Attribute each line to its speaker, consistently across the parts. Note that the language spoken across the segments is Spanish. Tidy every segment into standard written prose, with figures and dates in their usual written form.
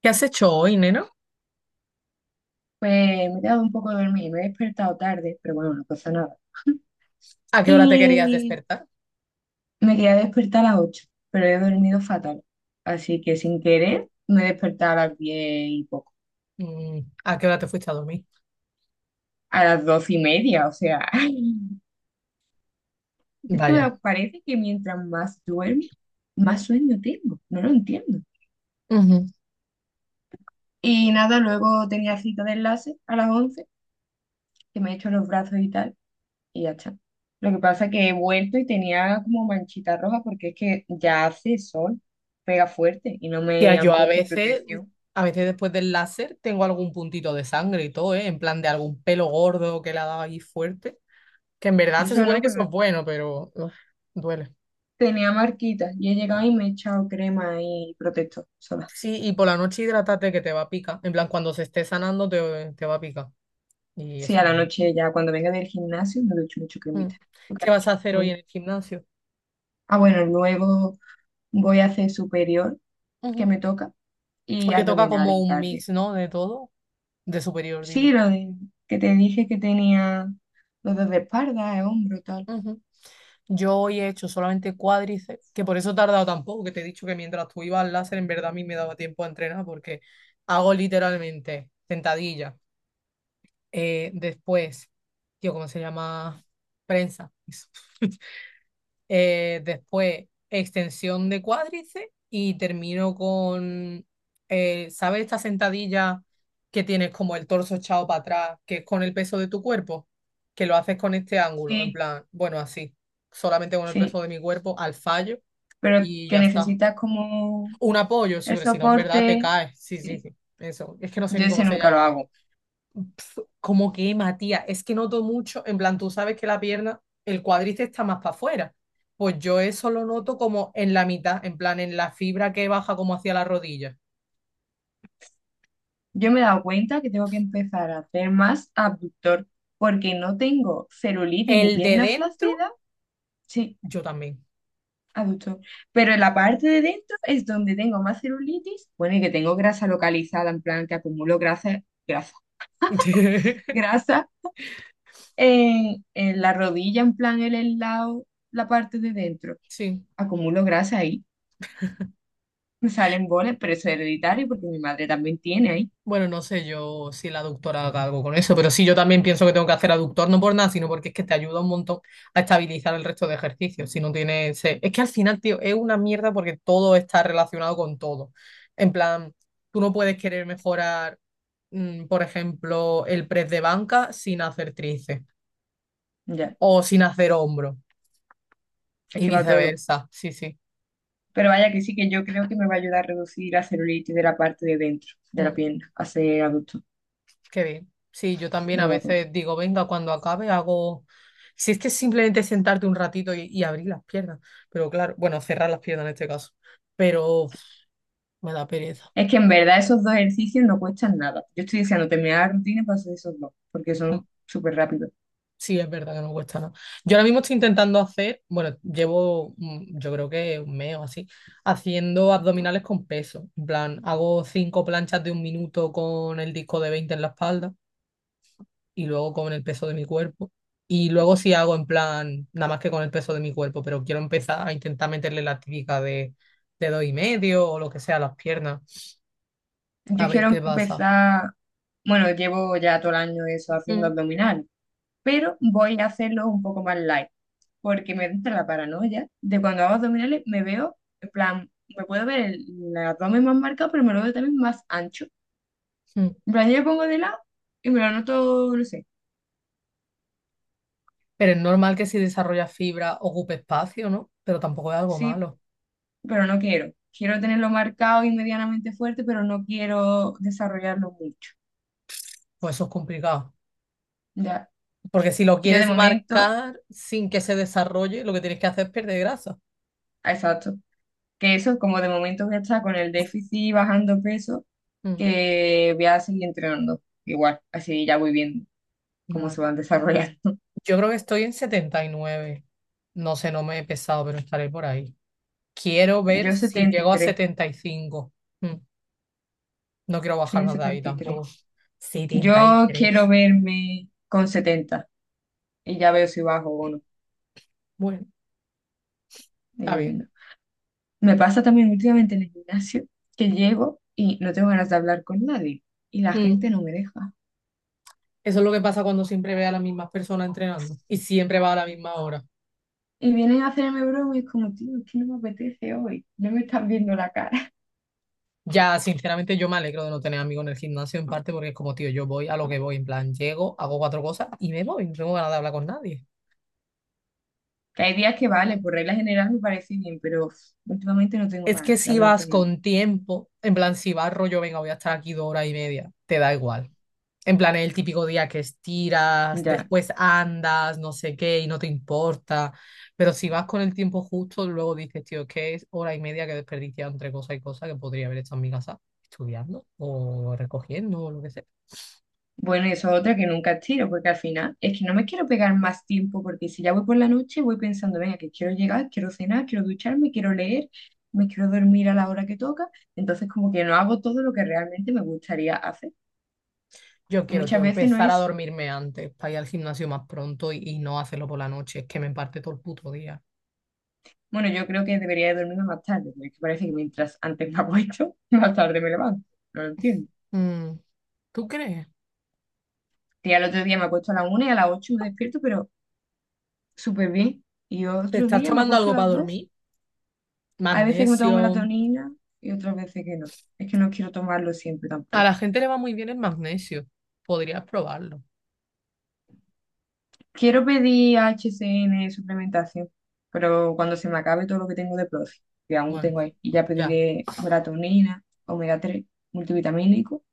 Speaker 1: ¿Qué has hecho hoy, nena?
Speaker 2: Pues me he quedado un poco dormida, me he despertado tarde, pero bueno, no pasa nada.
Speaker 1: ¿A qué hora te querías
Speaker 2: Y
Speaker 1: despertar?
Speaker 2: me quería despertar a las 8 pero he dormido fatal. Así que sin querer me he despertado a las 10 y poco,
Speaker 1: ¿A qué hora te fuiste a dormir?
Speaker 2: a las 12:30, o sea, es que
Speaker 1: Vaya.
Speaker 2: me parece que mientras más duermo, más sueño tengo, no lo entiendo.
Speaker 1: Ujú.
Speaker 2: Y nada, luego tenía cita de enlace a las 11 que me he hecho los brazos y tal. Y ya está. Lo que pasa es que he vuelto y tenía como manchita roja porque es que ya hace sol, pega fuerte y no
Speaker 1: Tía,
Speaker 2: me
Speaker 1: yo
Speaker 2: han puesto protección.
Speaker 1: a veces después del láser tengo algún puntito de sangre y todo, ¿eh? En plan de algún pelo gordo que le ha dado ahí fuerte, que en verdad
Speaker 2: Yo
Speaker 1: se
Speaker 2: eso
Speaker 1: supone
Speaker 2: no,
Speaker 1: que eso es
Speaker 2: pero
Speaker 1: bueno, pero uf, duele.
Speaker 2: tenía marquitas y he llegado y me he echado crema y protector sola.
Speaker 1: Sí, y por la noche hidrátate que te va a picar. En plan, cuando se esté sanando te va a picar. Y
Speaker 2: Sí,
Speaker 1: es
Speaker 2: a
Speaker 1: una
Speaker 2: la
Speaker 1: mierda.
Speaker 2: noche ya cuando venga del gimnasio me ducho mucho
Speaker 1: Mm.
Speaker 2: cremita. Lo que ha
Speaker 1: ¿Qué vas
Speaker 2: hecho.
Speaker 1: a hacer hoy
Speaker 2: Bueno.
Speaker 1: en el gimnasio?
Speaker 2: Ah, bueno, luego voy a hacer superior que
Speaker 1: Ujú.
Speaker 2: me toca y
Speaker 1: Hoy te toca
Speaker 2: abdominales
Speaker 1: como
Speaker 2: y
Speaker 1: un
Speaker 2: cardio.
Speaker 1: mix, ¿no? De todo. De superior,
Speaker 2: Sí,
Speaker 1: digo.
Speaker 2: que te dije que tenía los dos de espalda, de hombro, tal.
Speaker 1: Ujú. Yo hoy he hecho solamente cuádriceps, que por eso he tardado tampoco, que te he dicho que mientras tú ibas al láser, en verdad a mí me daba tiempo a entrenar, porque hago literalmente sentadilla. Después, tío, ¿cómo se llama? Prensa. Eso. Después, extensión de cuádriceps y termino con, ¿sabes esta sentadilla que tienes como el torso echado para atrás, que es con el peso de tu cuerpo? Que lo haces con este ángulo, en
Speaker 2: Sí,
Speaker 1: plan, bueno, así, solamente con el
Speaker 2: sí.
Speaker 1: peso de mi cuerpo al fallo
Speaker 2: Pero
Speaker 1: y
Speaker 2: que
Speaker 1: ya está.
Speaker 2: necesitas como
Speaker 1: Un apoyo, sí,
Speaker 2: el
Speaker 1: pero si no, en verdad te
Speaker 2: soporte,
Speaker 1: caes. Sí, sí,
Speaker 2: sí,
Speaker 1: sí. Eso. Es que no sé
Speaker 2: yo
Speaker 1: ni cómo
Speaker 2: ese
Speaker 1: se
Speaker 2: nunca lo
Speaker 1: llama.
Speaker 2: hago.
Speaker 1: Como que, Matías, es que noto mucho, en plan, tú sabes que la pierna, el cuádriceps está más para afuera. Pues yo eso lo noto como en la mitad, en plan, en la fibra que baja como hacia la rodilla.
Speaker 2: Yo me he dado cuenta que tengo que empezar a hacer más abductor porque no tengo celulitis ni
Speaker 1: El de
Speaker 2: pierna
Speaker 1: dentro,
Speaker 2: flácida, sí,
Speaker 1: yo también.
Speaker 2: abductor, pero en la parte de dentro es donde tengo más celulitis, bueno, y que tengo grasa localizada, en plan que acumulo grasa, grasa, grasa en la rodilla, en plan en el lado, la parte de dentro,
Speaker 1: Sí.
Speaker 2: acumulo grasa ahí me salen bolas, pero eso es hereditario porque mi madre también tiene ahí.
Speaker 1: Bueno, no sé yo si la aductora haga algo con eso, pero sí, yo también pienso que tengo que hacer aductor, no por nada, sino porque es que te ayuda un montón a estabilizar el resto de ejercicios. Si no tienes. Es que al final, tío, es una mierda porque todo está relacionado con todo. En plan, tú no puedes querer mejorar, por ejemplo, el press de banca sin hacer tríceps
Speaker 2: Ya,
Speaker 1: o sin hacer hombro
Speaker 2: es
Speaker 1: y
Speaker 2: que va todo.
Speaker 1: viceversa. Sí, sí.
Speaker 2: Pero vaya que sí que yo creo que me va a ayudar a reducir la celulitis de la parte de dentro de la
Speaker 1: Mm.
Speaker 2: pierna a ser adulto.
Speaker 1: Qué bien. Sí, yo también
Speaker 2: Me
Speaker 1: a
Speaker 2: lo voy a apuntar.
Speaker 1: veces digo, venga, cuando acabe hago... Si es que es simplemente sentarte un ratito y abrir las piernas, pero claro, bueno, cerrar las piernas en este caso, pero uf, me da pereza.
Speaker 2: Es que en verdad esos dos ejercicios no cuestan nada. Yo estoy deseando terminar la rutina para hacer esos dos, porque son
Speaker 1: Mm,
Speaker 2: súper rápidos.
Speaker 1: Sí, es verdad que no cuesta nada. Yo ahora mismo estoy intentando hacer, bueno, llevo yo creo que un mes o así, haciendo abdominales con peso. En plan, hago cinco planchas de un minuto con el disco de 20 en la espalda. Y luego con el peso de mi cuerpo. Y luego sí hago en plan, nada más que con el peso de mi cuerpo, pero quiero empezar a intentar meterle la típica de dos y medio o lo que sea a las piernas, a
Speaker 2: Yo
Speaker 1: ver qué
Speaker 2: quiero
Speaker 1: pasa.
Speaker 2: empezar, bueno, llevo ya todo el año eso haciendo
Speaker 1: Mm.
Speaker 2: abdominal, pero voy a hacerlo un poco más light, porque me entra la paranoia de cuando hago abdominales me veo, en plan, me puedo ver el abdomen más marcado, pero me lo veo también más ancho.
Speaker 1: Mm.
Speaker 2: En plan, yo me pongo de lado y me lo noto, no sé,
Speaker 1: Pero es normal que si desarrollas fibra ocupe espacio, ¿no? Pero tampoco es algo
Speaker 2: sí,
Speaker 1: malo,
Speaker 2: pero no quiero. Quiero tenerlo marcado y medianamente fuerte, pero no quiero desarrollarlo mucho.
Speaker 1: pues eso es complicado.
Speaker 2: Ya,
Speaker 1: Porque si lo
Speaker 2: yo de
Speaker 1: quieres
Speaker 2: momento,
Speaker 1: marcar sin que se desarrolle, lo que tienes que hacer es perder grasa.
Speaker 2: exacto, que eso, como de momento voy a estar con el déficit bajando peso,
Speaker 1: Mm.
Speaker 2: que voy a seguir entrenando igual, así ya voy viendo. Cómo se
Speaker 1: Bueno,
Speaker 2: van desarrollando.
Speaker 1: yo creo que estoy en 79. No sé, no me he pesado, pero estaré por ahí. Quiero ver
Speaker 2: Yo
Speaker 1: si llego a
Speaker 2: 73,
Speaker 1: 75. Mm, No quiero
Speaker 2: soy
Speaker 1: bajar
Speaker 2: en
Speaker 1: más de ahí
Speaker 2: 73.
Speaker 1: tampoco.
Speaker 2: Yo
Speaker 1: setenta y
Speaker 2: quiero
Speaker 1: tres
Speaker 2: verme con 70 y ya veo si bajo o no.
Speaker 1: Bueno,
Speaker 2: ahí
Speaker 1: está
Speaker 2: voy
Speaker 1: bien.
Speaker 2: viendo. Me pasa también últimamente en el gimnasio que llego y no tengo ganas de hablar con nadie y la gente
Speaker 1: Mm,
Speaker 2: no me deja.
Speaker 1: Eso es lo que pasa cuando siempre ve a las mismas personas entrenando y siempre va a la misma hora.
Speaker 2: Y vienen a hacerme broma y es como, tío, es que no me apetece hoy, no me están viendo la cara.
Speaker 1: Ya, sinceramente, yo me alegro de no tener amigos en el gimnasio en parte porque es como, tío, yo voy a lo que voy, en plan, llego, hago cuatro cosas y me voy, no tengo ganas de hablar con nadie.
Speaker 2: Que hay días que vale, por regla general me parece bien, pero uf, últimamente no tengo
Speaker 1: Es que
Speaker 2: ganas de
Speaker 1: si
Speaker 2: hablar
Speaker 1: vas
Speaker 2: con nadie.
Speaker 1: con tiempo, en plan, si vas rollo, venga, voy a estar aquí 2 horas y media, te da igual. En plan, es el típico día que estiras,
Speaker 2: Ya,
Speaker 1: después andas, no sé qué, y no te importa. Pero si vas con el tiempo justo, luego dices, tío, es que es hora y media que he desperdiciado entre cosas y cosas que podría haber estado en mi casa estudiando o recogiendo o lo que sea.
Speaker 2: Bueno, y eso es otra que nunca tiro, porque al final es que no me quiero pegar más tiempo, porque si ya voy por la noche, voy pensando, venga, que quiero llegar, quiero cenar, quiero ducharme, quiero leer, me quiero dormir a la hora que toca, entonces como que no hago todo lo que realmente me gustaría hacer.
Speaker 1: Yo
Speaker 2: Y
Speaker 1: quiero,
Speaker 2: muchas
Speaker 1: tío,
Speaker 2: veces no
Speaker 1: empezar a
Speaker 2: es,
Speaker 1: dormirme antes para ir al gimnasio más pronto y no hacerlo por la noche. Es que me parte todo el puto día.
Speaker 2: bueno, yo creo que debería de dormirme más tarde, porque parece que mientras antes me acuesto, más tarde me levanto, no lo entiendo.
Speaker 1: Mm, ¿Tú crees?
Speaker 2: Y al otro día me acuesto a las 1 y a las 8 me despierto, pero súper bien. Y
Speaker 1: ¿Te
Speaker 2: otro
Speaker 1: estás
Speaker 2: día me
Speaker 1: tomando
Speaker 2: acuesto
Speaker 1: algo
Speaker 2: a
Speaker 1: para
Speaker 2: las 2.
Speaker 1: dormir?
Speaker 2: Hay veces que me tomo
Speaker 1: Magnesio.
Speaker 2: melatonina y otras veces que no. Es que no quiero tomarlo siempre
Speaker 1: A
Speaker 2: tampoco.
Speaker 1: la gente le va muy bien el magnesio. Podrías probarlo.
Speaker 2: Quiero pedir HCN suplementación, pero cuando se me acabe todo lo que tengo de Profi, que aún
Speaker 1: Bueno,
Speaker 2: tengo
Speaker 1: sí.
Speaker 2: ahí, y ya
Speaker 1: Ya.
Speaker 2: pediré melatonina, omega 3, multivitamínico.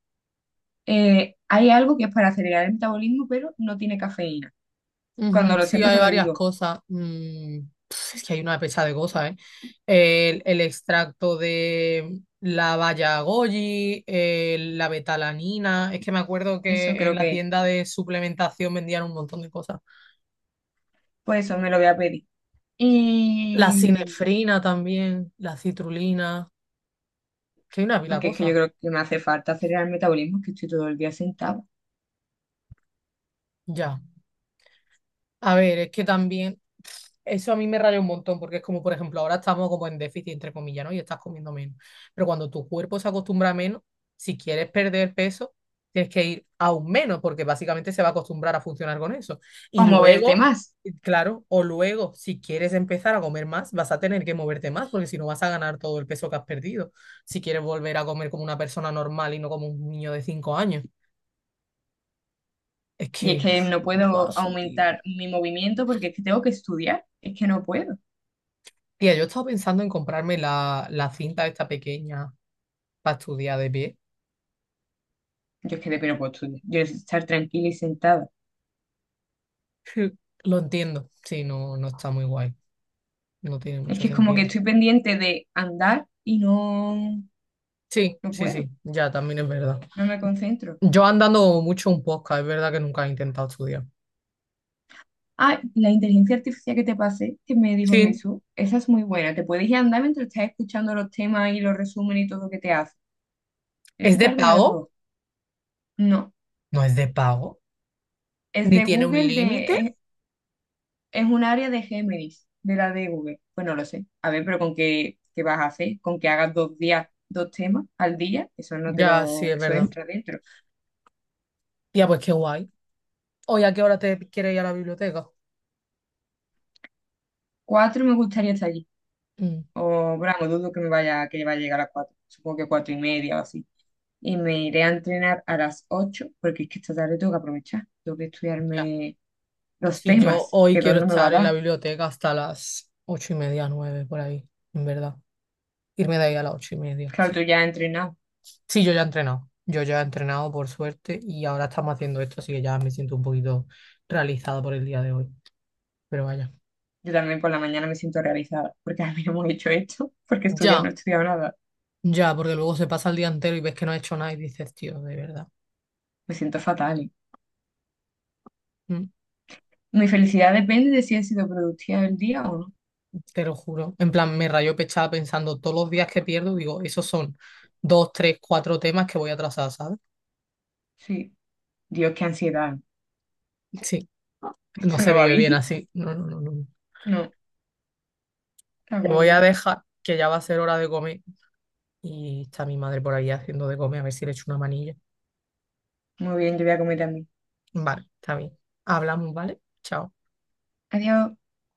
Speaker 2: Hay algo que es para acelerar el metabolismo, pero no tiene cafeína. Cuando
Speaker 1: Ujú.
Speaker 2: lo
Speaker 1: Sí,
Speaker 2: sepa te
Speaker 1: hay
Speaker 2: lo
Speaker 1: varias
Speaker 2: digo.
Speaker 1: cosas. Es que hay una pesa de cosas, ¿eh? El extracto de la baya goji, el- la betalanina. Es que me acuerdo
Speaker 2: Eso
Speaker 1: que en
Speaker 2: creo
Speaker 1: la
Speaker 2: que, es.
Speaker 1: tienda de suplementación vendían un montón de cosas.
Speaker 2: Pues eso me lo voy a pedir.
Speaker 1: La
Speaker 2: Y
Speaker 1: sinefrina también, la citrulina. Que hay una pila de
Speaker 2: porque es que yo
Speaker 1: cosas.
Speaker 2: creo que me hace falta acelerar el metabolismo, que estoy todo el día sentado.
Speaker 1: Ya. A ver, es que también eso a mí me raya un montón, porque es como, por ejemplo, ahora estamos como en déficit, entre comillas, ¿no? Y estás comiendo menos. Pero cuando tu cuerpo se acostumbra a menos, si quieres perder peso, tienes que ir aún menos, porque básicamente se va a acostumbrar a funcionar con eso.
Speaker 2: O
Speaker 1: Y
Speaker 2: moverte
Speaker 1: luego,
Speaker 2: más.
Speaker 1: claro, o luego, si quieres empezar a comer más, vas a tener que moverte más, porque si no vas a ganar todo el peso que has perdido. Si quieres volver a comer como una persona normal y no como un niño de 5 años. Es
Speaker 2: Y es
Speaker 1: que,
Speaker 2: que no puedo
Speaker 1: paso, tío.
Speaker 2: aumentar mi movimiento porque es que tengo que estudiar. Es que no puedo.
Speaker 1: Tía, yo estaba pensando en comprarme la, la cinta esta pequeña para estudiar de pie.
Speaker 2: Yo es que de que no puedo estudiar. Yo necesito estar tranquila y sentada.
Speaker 1: Lo entiendo. Sí, no, no está muy guay. No tiene
Speaker 2: Es
Speaker 1: mucho
Speaker 2: que es como que
Speaker 1: sentido.
Speaker 2: estoy pendiente de andar y no,
Speaker 1: Sí,
Speaker 2: no
Speaker 1: sí,
Speaker 2: puedo.
Speaker 1: sí, ya también es verdad.
Speaker 2: No me concentro.
Speaker 1: Yo andando mucho un podcast, es verdad que nunca he intentado estudiar.
Speaker 2: Ah, la inteligencia artificial que te pasé, que me dijo
Speaker 1: Sí,
Speaker 2: Jesús, esa es muy buena. Te puedes ir a andar mientras estás escuchando los temas y los resúmenes y todo lo que te hace.
Speaker 1: ¿es
Speaker 2: Esta
Speaker 1: de
Speaker 2: tarde lo voy a
Speaker 1: pago?
Speaker 2: probar. No,
Speaker 1: No es de pago.
Speaker 2: es
Speaker 1: ¿Ni
Speaker 2: de
Speaker 1: tiene un
Speaker 2: Google,
Speaker 1: límite?
Speaker 2: de, es un área de Géminis, de la de Google. Pues no lo sé. A ver, pero con qué, qué vas a hacer, con que hagas 2 días, dos temas al día, eso no te
Speaker 1: Ya, sí,
Speaker 2: lo,
Speaker 1: es
Speaker 2: eso
Speaker 1: verdad.
Speaker 2: entra dentro.
Speaker 1: Tía, pues qué guay. ¿Hoy a qué hora te quieres ir a la biblioteca?
Speaker 2: 4 me gustaría estar allí.
Speaker 1: Mm,
Speaker 2: O bravo, dudo que me vaya, que vaya a llegar a las 4. Supongo que 4:30 o así. Y me iré a entrenar a las 8, porque es que esta tarde tengo que aprovechar. Tengo que
Speaker 1: ya.
Speaker 2: estudiarme los
Speaker 1: Si yo
Speaker 2: temas,
Speaker 1: hoy
Speaker 2: que dos
Speaker 1: quiero
Speaker 2: no me va a
Speaker 1: estar en la
Speaker 2: dar.
Speaker 1: biblioteca hasta las 8:30, 9, por ahí, en verdad. Irme de ahí a las 8:30.
Speaker 2: Claro,
Speaker 1: Sí.
Speaker 2: tú ya has entrenado.
Speaker 1: Sí, yo ya he entrenado. Yo ya he entrenado, por suerte, y ahora estamos haciendo esto, así que ya me siento un poquito realizado por el día de hoy. Pero vaya.
Speaker 2: Yo también por la mañana me siento realizada, porque a mí no hemos hecho esto, porque estudiar no
Speaker 1: Ya,
Speaker 2: he estudiado nada.
Speaker 1: ya, porque luego se pasa el día entero y ves que no has hecho nada y dices, tío, de verdad.
Speaker 2: Me siento fatal.
Speaker 1: mm,
Speaker 2: Mi felicidad depende de si he sido productiva el día o no.
Speaker 1: Te lo juro. En plan, me rayó pechada pensando todos los días que pierdo, digo, esos son dos, tres, cuatro temas que voy a trazar, ¿sabes?
Speaker 2: Sí. Dios, qué ansiedad.
Speaker 1: Sí, no
Speaker 2: Esto
Speaker 1: se
Speaker 2: no va
Speaker 1: vive bien
Speaker 2: bien.
Speaker 1: así. No, no, no, no.
Speaker 2: No,
Speaker 1: Te voy a
Speaker 2: agobio.
Speaker 1: dejar, que ya va a ser hora de comer. Y está mi madre por ahí haciendo de comer, a ver si le echo una manilla.
Speaker 2: Muy bien, yo voy a comer también.
Speaker 1: Vale, está bien. Hablamos, ¿vale? Chao.
Speaker 2: Adiós.